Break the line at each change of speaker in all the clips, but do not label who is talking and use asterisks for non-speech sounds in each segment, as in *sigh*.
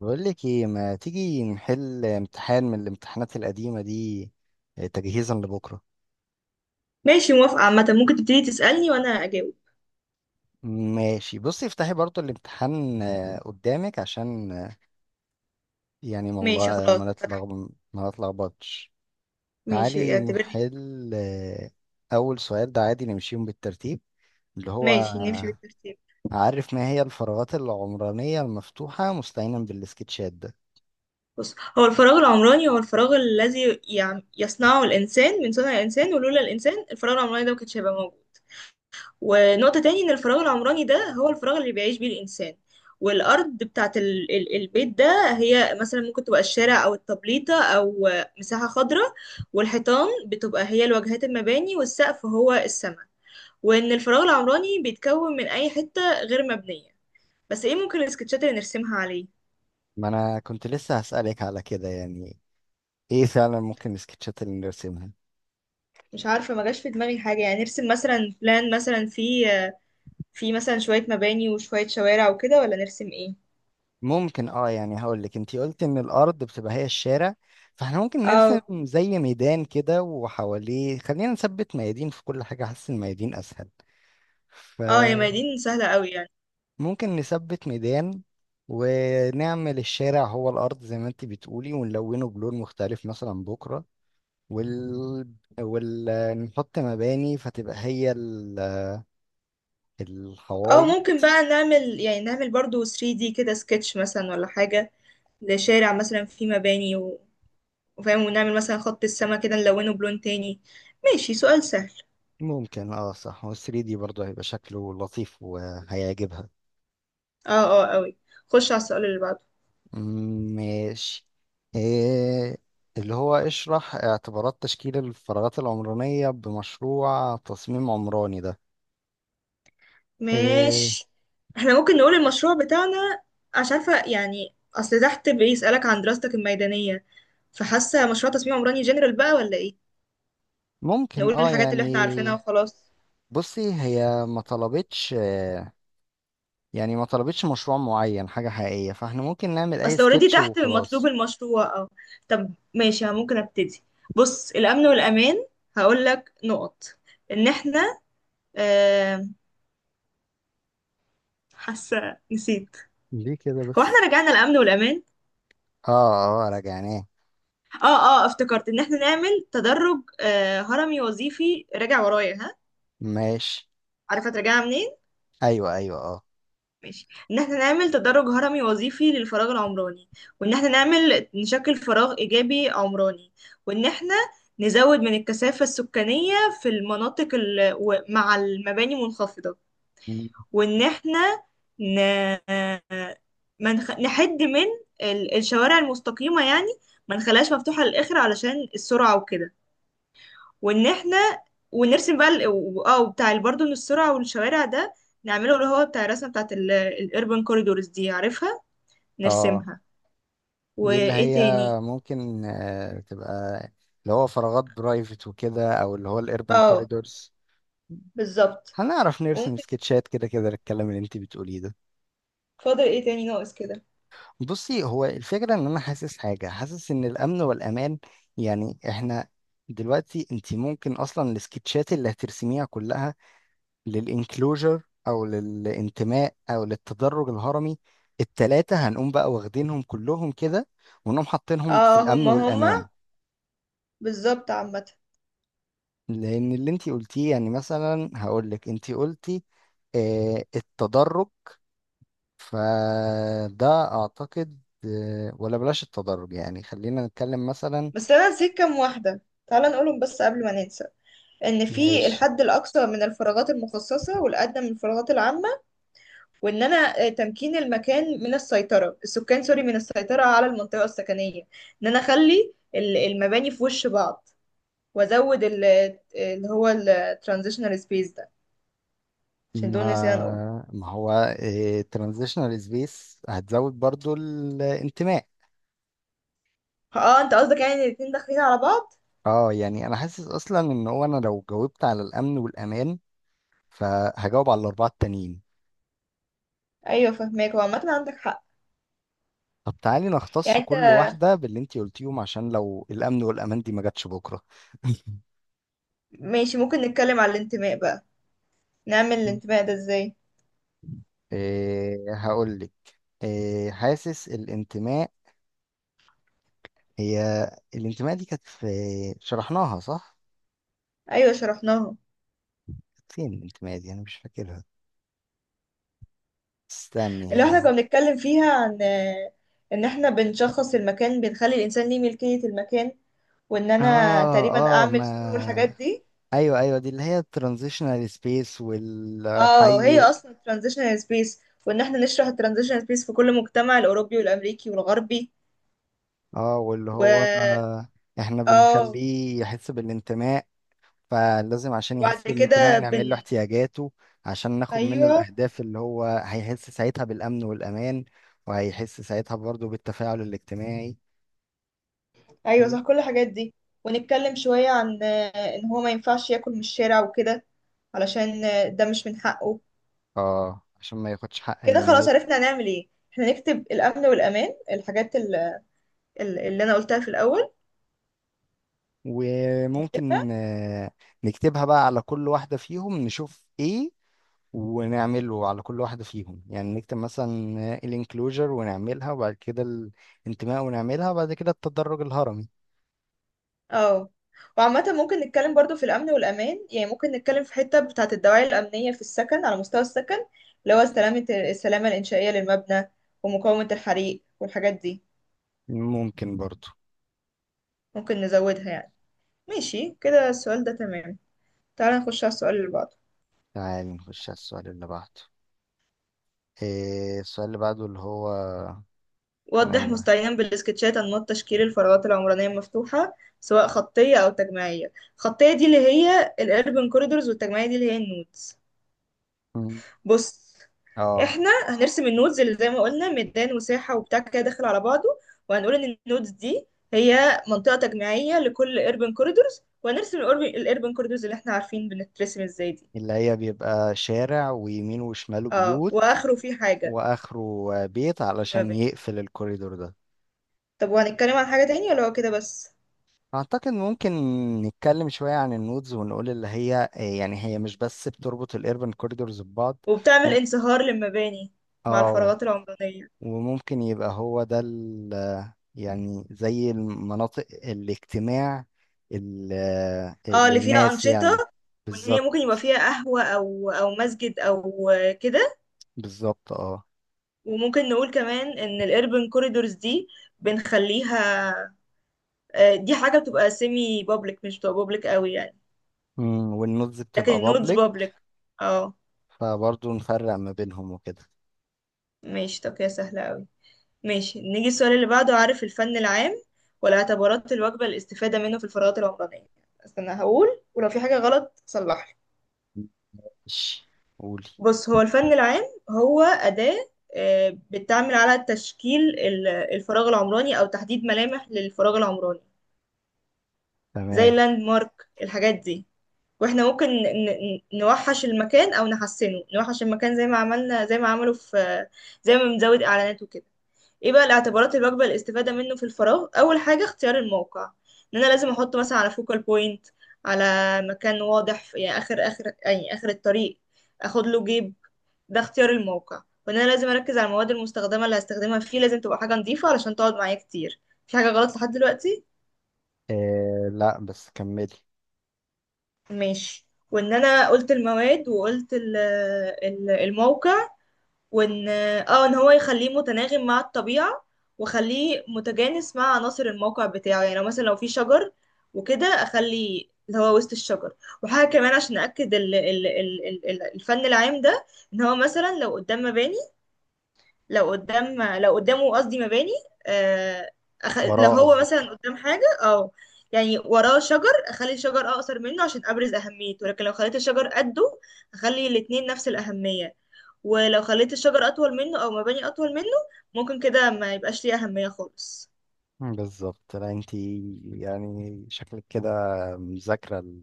بقول لك ايه، ما تيجي نحل امتحان من الامتحانات القديمة دي، تجهيزا لبكرة.
ماشي، موافقة عامة. ممكن تبتدي تسألني وأنا أجاوب.
ماشي، بصي افتحي برضو الامتحان قدامك، عشان يعني
ماشي خلاص.
ما نتلخبطش.
ماشي
تعالي
اعتبرني.
نحل، اول سؤال ده عادي، نمشيهم بالترتيب، اللي هو:
ماشي نمشي بالترتيب.
عارف ما هي الفراغات العمرانية المفتوحة مستعينا بالسكتشات؟ ده
بص، هو الفراغ العمراني هو الفراغ الذي يصنعه الإنسان، من صنع الإنسان، ولولا الإنسان الفراغ العمراني ده ما كانش هيبقى موجود. ونقطة تاني إن الفراغ العمراني ده هو الفراغ اللي بيعيش بيه الإنسان. والأرض بتاعة البيت ده هي مثلا ممكن تبقى الشارع أو التبليطة أو مساحة خضراء. والحيطان بتبقى هي الواجهات المباني، والسقف هو السماء. وان الفراغ العمراني بيتكون من اي حتة غير مبنية. بس ايه ممكن السكتشات اللي نرسمها عليه؟
ما انا كنت لسه هسألك على كده، يعني ايه فعلا ممكن السكتشات اللي نرسمها؟
مش عارفة، ما جاش في دماغي حاجة، يعني نرسم مثلا بلان مثلا في مثلا شوية مباني وشوية شوارع وكده، ولا نرسم ايه؟
ممكن. اه يعني هقول لك، انتي قلت ان الارض بتبقى هي الشارع، فاحنا ممكن نرسم
اه،
زي ميدان كده وحواليه. خلينا نثبت ميادين في كل حاجة، حاسس الميادين اسهل.
اه يا ميادين سهلة قوي يعني.
فممكن نثبت ميدان، ونعمل الشارع هو الارض زي ما انتي بتقولي ونلونه بلون مختلف مثلا بكرة، وال ونحط مباني فتبقى هي
اه
الحوايط.
ممكن بقى نعمل، يعني نعمل برضو 3D كده سكتش مثلا ولا حاجة، لشارع مثلا فيه مباني وفاهم، ونعمل مثلا خط السما كده نلونه بلون تاني. ماشي سؤال سهل.
ممكن. اه صح، وال 3D برضه هيبقى شكله لطيف وهيعجبها.
اه، اه قوي. خش على السؤال اللي بعده.
ماشي. إيه اللي هو؟ اشرح اعتبارات تشكيل الفراغات العمرانية بمشروع تصميم عمراني. ده إيه؟
ماشي. احنا ممكن نقول المشروع بتاعنا، عشان عارفة يعني اصل تحت بيسألك عن دراستك الميدانية، فحاسة مشروع تصميم عمراني جنرال بقى ولا ايه؟
ممكن.
نقول
اه
الحاجات اللي احنا عارفينها
يعني
وخلاص.
بصي، هي ما طلبتش، يعني ما طلبتش مشروع معين حاجة حقيقية، فاحنا ممكن نعمل اي
اصل اوريدي
سكتش
تحت مطلوب
وخلاص.
المشروع، اه. طب ماشي، ممكن ابتدي. بص، الامن والامان هقولك نقط. ان احنا، آه حاسة نسيت.
ليه كده
هو احنا
بس؟
رجعنا الامن والامان؟
اه، اه راجعناه.
اه اه، افتكرت. ان احنا نعمل تدرج هرمي وظيفي، راجع ورايا ها.
ماشي.
عارفة ترجعها منين.
ايوه، ايوه، اه.
ماشي، ان احنا نعمل تدرج هرمي وظيفي للفراغ العمراني، وان احنا نعمل نشكل فراغ ايجابي عمراني، وان احنا نزود من الكثافة السكانية في المناطق مع المباني منخفضة.
مم.
وان احنا ن... ما نخ... نحد من الشوارع المستقيمة يعني، ما نخليهاش مفتوحة للآخر علشان السرعة وكده. وان احنا ونرسم بقى بتاع برضه ان السرعه والشوارع ده، نعمله اللي هو بتاع الرسمه بتاعت الاربن كوريدورز دي، عارفها،
اه،
نرسمها.
دي اللي
وايه
هي
تاني.
ممكن تبقى اللي هو فراغات برايفت وكده، او اللي هو الاربن
اه
كوريدورز.
بالظبط.
هنعرف نرسم
وممكن،
سكتشات كده كده للكلام اللي انت بتقوليه ده.
فاضل ايه تاني ناقص كده.
بصي، هو الفكرة ان انا حاسس ان الامن والامان، يعني احنا دلوقتي انت ممكن اصلا السكتشات اللي هترسميها كلها، للانكلوجر او للانتماء او للتدرج الهرمي، التلاتة هنقوم بقى واخدينهم كلهم كده ونقوم حاطينهم في
اه،
الامن
هما
والامان.
هما بالظبط عامه.
لان اللي انتي قلتيه يعني، مثلا هقولك انتي قلتي التدرج، فده اعتقد ولا بلاش التدرج، يعني خلينا نتكلم مثلا.
بس انا نسيت كام واحده، تعالى نقولهم بس قبل ما ننسى. ان في
ماشي.
الحد الاقصى من الفراغات المخصصه والادنى من الفراغات العامه. وان انا، تمكين المكان من السيطره السكان، سوري، من السيطره على المنطقه السكنيه. ان انا اخلي المباني في وش بعض، وازود اللي هو الترانزيشنال سبيس ده، عشان
ما
دول نسينا نقول.
ما هو ترانزيشنال سبيس هتزود برضو الانتماء.
اه انت قصدك يعني الاتنين داخلين على بعض.
اه يعني انا حاسس اصلا ان هو، انا لو جاوبت على الامن والامان فهجاوب على الاربعه التانيين.
ايوه فهماك، هو عامه عندك حق.
طب تعالي
يعني
نختص
انت،
كل واحدة باللي انتي قلتيهم، عشان لو الامن والامان دي ما جاتش بكره.
ماشي ممكن نتكلم على الانتماء بقى. نعمل
*laughs*
الانتماء ده ازاي.
إيه، هقول لك. إيه، حاسس الانتماء هي، الانتماء دي كانت في، شرحناها صح؟
ايوه شرحناها.
كانت فين الانتماء دي؟ انا مش فاكرها، استني
اللي احنا كنا
ها.
بنتكلم فيها عن ان احنا بنشخص المكان، بنخلي الانسان ليه ملكية المكان، وان انا
اه،
تقريبا
اه
اعمل
ما،
سور والحاجات دي.
ايوه ايوه، دي اللي هي الترانزيشنال سبيس
اه هي
والحي.
اصلا ترانزيشنال سبيس، وان احنا نشرح الترانزيشنال سبيس في كل مجتمع الاوروبي والامريكي والغربي.
اه، واللي
و
هو آه، احنا
اه
بنخليه يحس بالانتماء، فلازم عشان
وبعد
يحس بالانتماء
كده بن،
نعمل له احتياجاته، عشان ناخد منه
ايوه
الأهداف اللي هو هيحس ساعتها بالأمن والأمان، وهيحس ساعتها برضه بالتفاعل الاجتماعي.
ايوه صح كل الحاجات دي. ونتكلم شوية عن ان هو ما ينفعش ياكل من الشارع وكده، علشان ده مش من حقه.
اه، عشان ما ياخدش حق
كده خلاص
الناس.
عرفنا هنعمل ايه، احنا نكتب الامن والامان الحاجات اللي انا قلتها في الاول، نكتبها.
وممكن نكتبها بقى على كل واحدة فيهم نشوف ايه، ونعمله على كل واحدة فيهم، يعني نكتب مثلا الانكلوجر ونعملها، وبعد كده الانتماء ونعملها، وبعد كده التدرج الهرمي.
اه، وعامة ممكن نتكلم برضو في الأمن والأمان. يعني ممكن نتكلم في حتة بتاعة الدواعي الأمنية في السكن، على مستوى السكن، اللي هو سلامة، السلامة الإنشائية للمبنى، ومقاومة الحريق والحاجات دي.
ممكن برضو.
ممكن نزودها يعني. ماشي كده السؤال ده تمام. تعالى نخش على السؤال اللي بعده.
تعال نخش على السؤال اللي بعده. إيه السؤال اللي بعده؟ اللي هو كان
وضح
انهي واحد؟
مستعينا بالسكتشات أنماط تشكيل الفراغات العمرانية المفتوحة، سواء خطية أو تجميعية. الخطية دي اللي هي الأربن كوريدورز، والتجميعية دي اللي هي النودز.
مم.
بص،
اه،
احنا هنرسم النودز اللي زي ما قلنا، ميدان وساحة وبتاع كده داخل على بعضه، وهنقول ان النودز دي هي منطقة تجميعية لكل urban corridors. وهنرسم الأربن corridors اللي احنا عارفين بنترسم ازاي دي.
اللي هي بيبقى شارع ويمينه وشماله
اه
بيوت،
واخره في حاجة،
واخره بيت
في
علشان
مباني.
يقفل الكوريدور ده.
طب وهنتكلم عن حاجة تانية ولا هو كده بس؟
اعتقد ممكن نتكلم شوية عن النودز، ونقول اللي هي إيه، يعني هي مش بس بتربط الايربن كوريدورز ببعض.
وبتعمل
م-
انصهار للمباني مع
اه.
الفراغات العمرانية.
وممكن يبقى هو ده يعني زي المناطق الاجتماع
اه اللي فيها
للناس يعني.
أنشطة، وإن هي ممكن
بالظبط.
يبقى فيها قهوة أو أو مسجد أو كده.
بالظبط، اه.
وممكن نقول كمان إن الأربن كوريدورز دي بنخليها، دي حاجة بتبقى سيمي بابليك، مش بتبقى بابليك قوي يعني،
والنودز
لكن
بتبقى
النودز
بابليك،
بابليك. اه
فبرضه نفرق ما بينهم وكده.
ماشي، طب كده سهلة قوي. ماشي نيجي السؤال اللي بعده. عارف الفن العام والاعتبارات الواجبة للاستفادة منه في الفراغات العمرانية. استنى هقول ولو في حاجة غلط صلحلي.
ماشي، قولي.
بص، هو الفن العام هو أداة، بتعمل على تشكيل الفراغ العمراني أو تحديد ملامح للفراغ العمراني، زي
تمام.
اللاند مارك الحاجات دي. واحنا ممكن نوحش المكان أو نحسنه، نوحش المكان زي ما عملنا، زي ما عملوا في، زي ما بنزود إعلانات وكده. ايه بقى الاعتبارات اللي بقبل الاستفادة منه في الفراغ. أول حاجة اختيار الموقع، إن أنا لازم أحطه مثلا على فوكال بوينت، على مكان واضح في، يعني آخر آخر يعني آخر الطريق، أخد له جيب. ده اختيار الموقع. وان انا لازم اركز على المواد المستخدمه، اللي هستخدمها فيه لازم تبقى حاجه نظيفه علشان تقعد معايا كتير. في حاجه غلط لحد دلوقتي؟
آه لا بس كملي.
ماشي. وان انا قلت المواد وقلت الموقع، وان اه ان هو يخليه متناغم مع الطبيعه، وخليه متجانس مع عناصر الموقع بتاعه، يعني لو مثلا لو في شجر وكده اخلي اللي هو وسط الشجر. وحاجه كمان عشان اكد الفن العام ده، ان هو مثلا لو قدام مباني، لو قدام، لو قدامه قصدي مباني، آه، لو
وراه
هو مثلا
قصدك؟
قدام حاجة أو، يعني وراه شجر، أخلي الشجر أقصر منه عشان أبرز أهميته. لكن لو خليت الشجر قده، أخلي الاتنين نفس الأهمية. ولو خليت الشجر أطول منه أو مباني أطول منه، ممكن كده ما يبقاش ليه أهمية خالص.
بالظبط. لا انتي يعني شكلك كده مذاكرة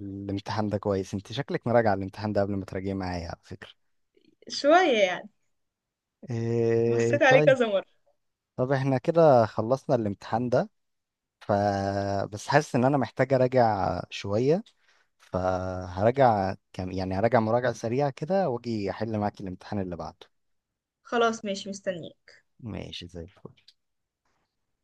الامتحان ده كويس، انتي شكلك مراجعة الامتحان ده قبل ما تراجعي معايا على فكرة.
شوية يعني.
إيه
بصيت عليه
طيب.
كذا مرة.
طب احنا كده خلصنا الامتحان ده، ف بس حاسس ان انا محتاج اراجع شوية، فهراجع كم، يعني هراجع مراجعة سريعة كده واجي احل معاك الامتحان اللي بعده.
خلاص ماشي مستنية.
ماشي زي الفل.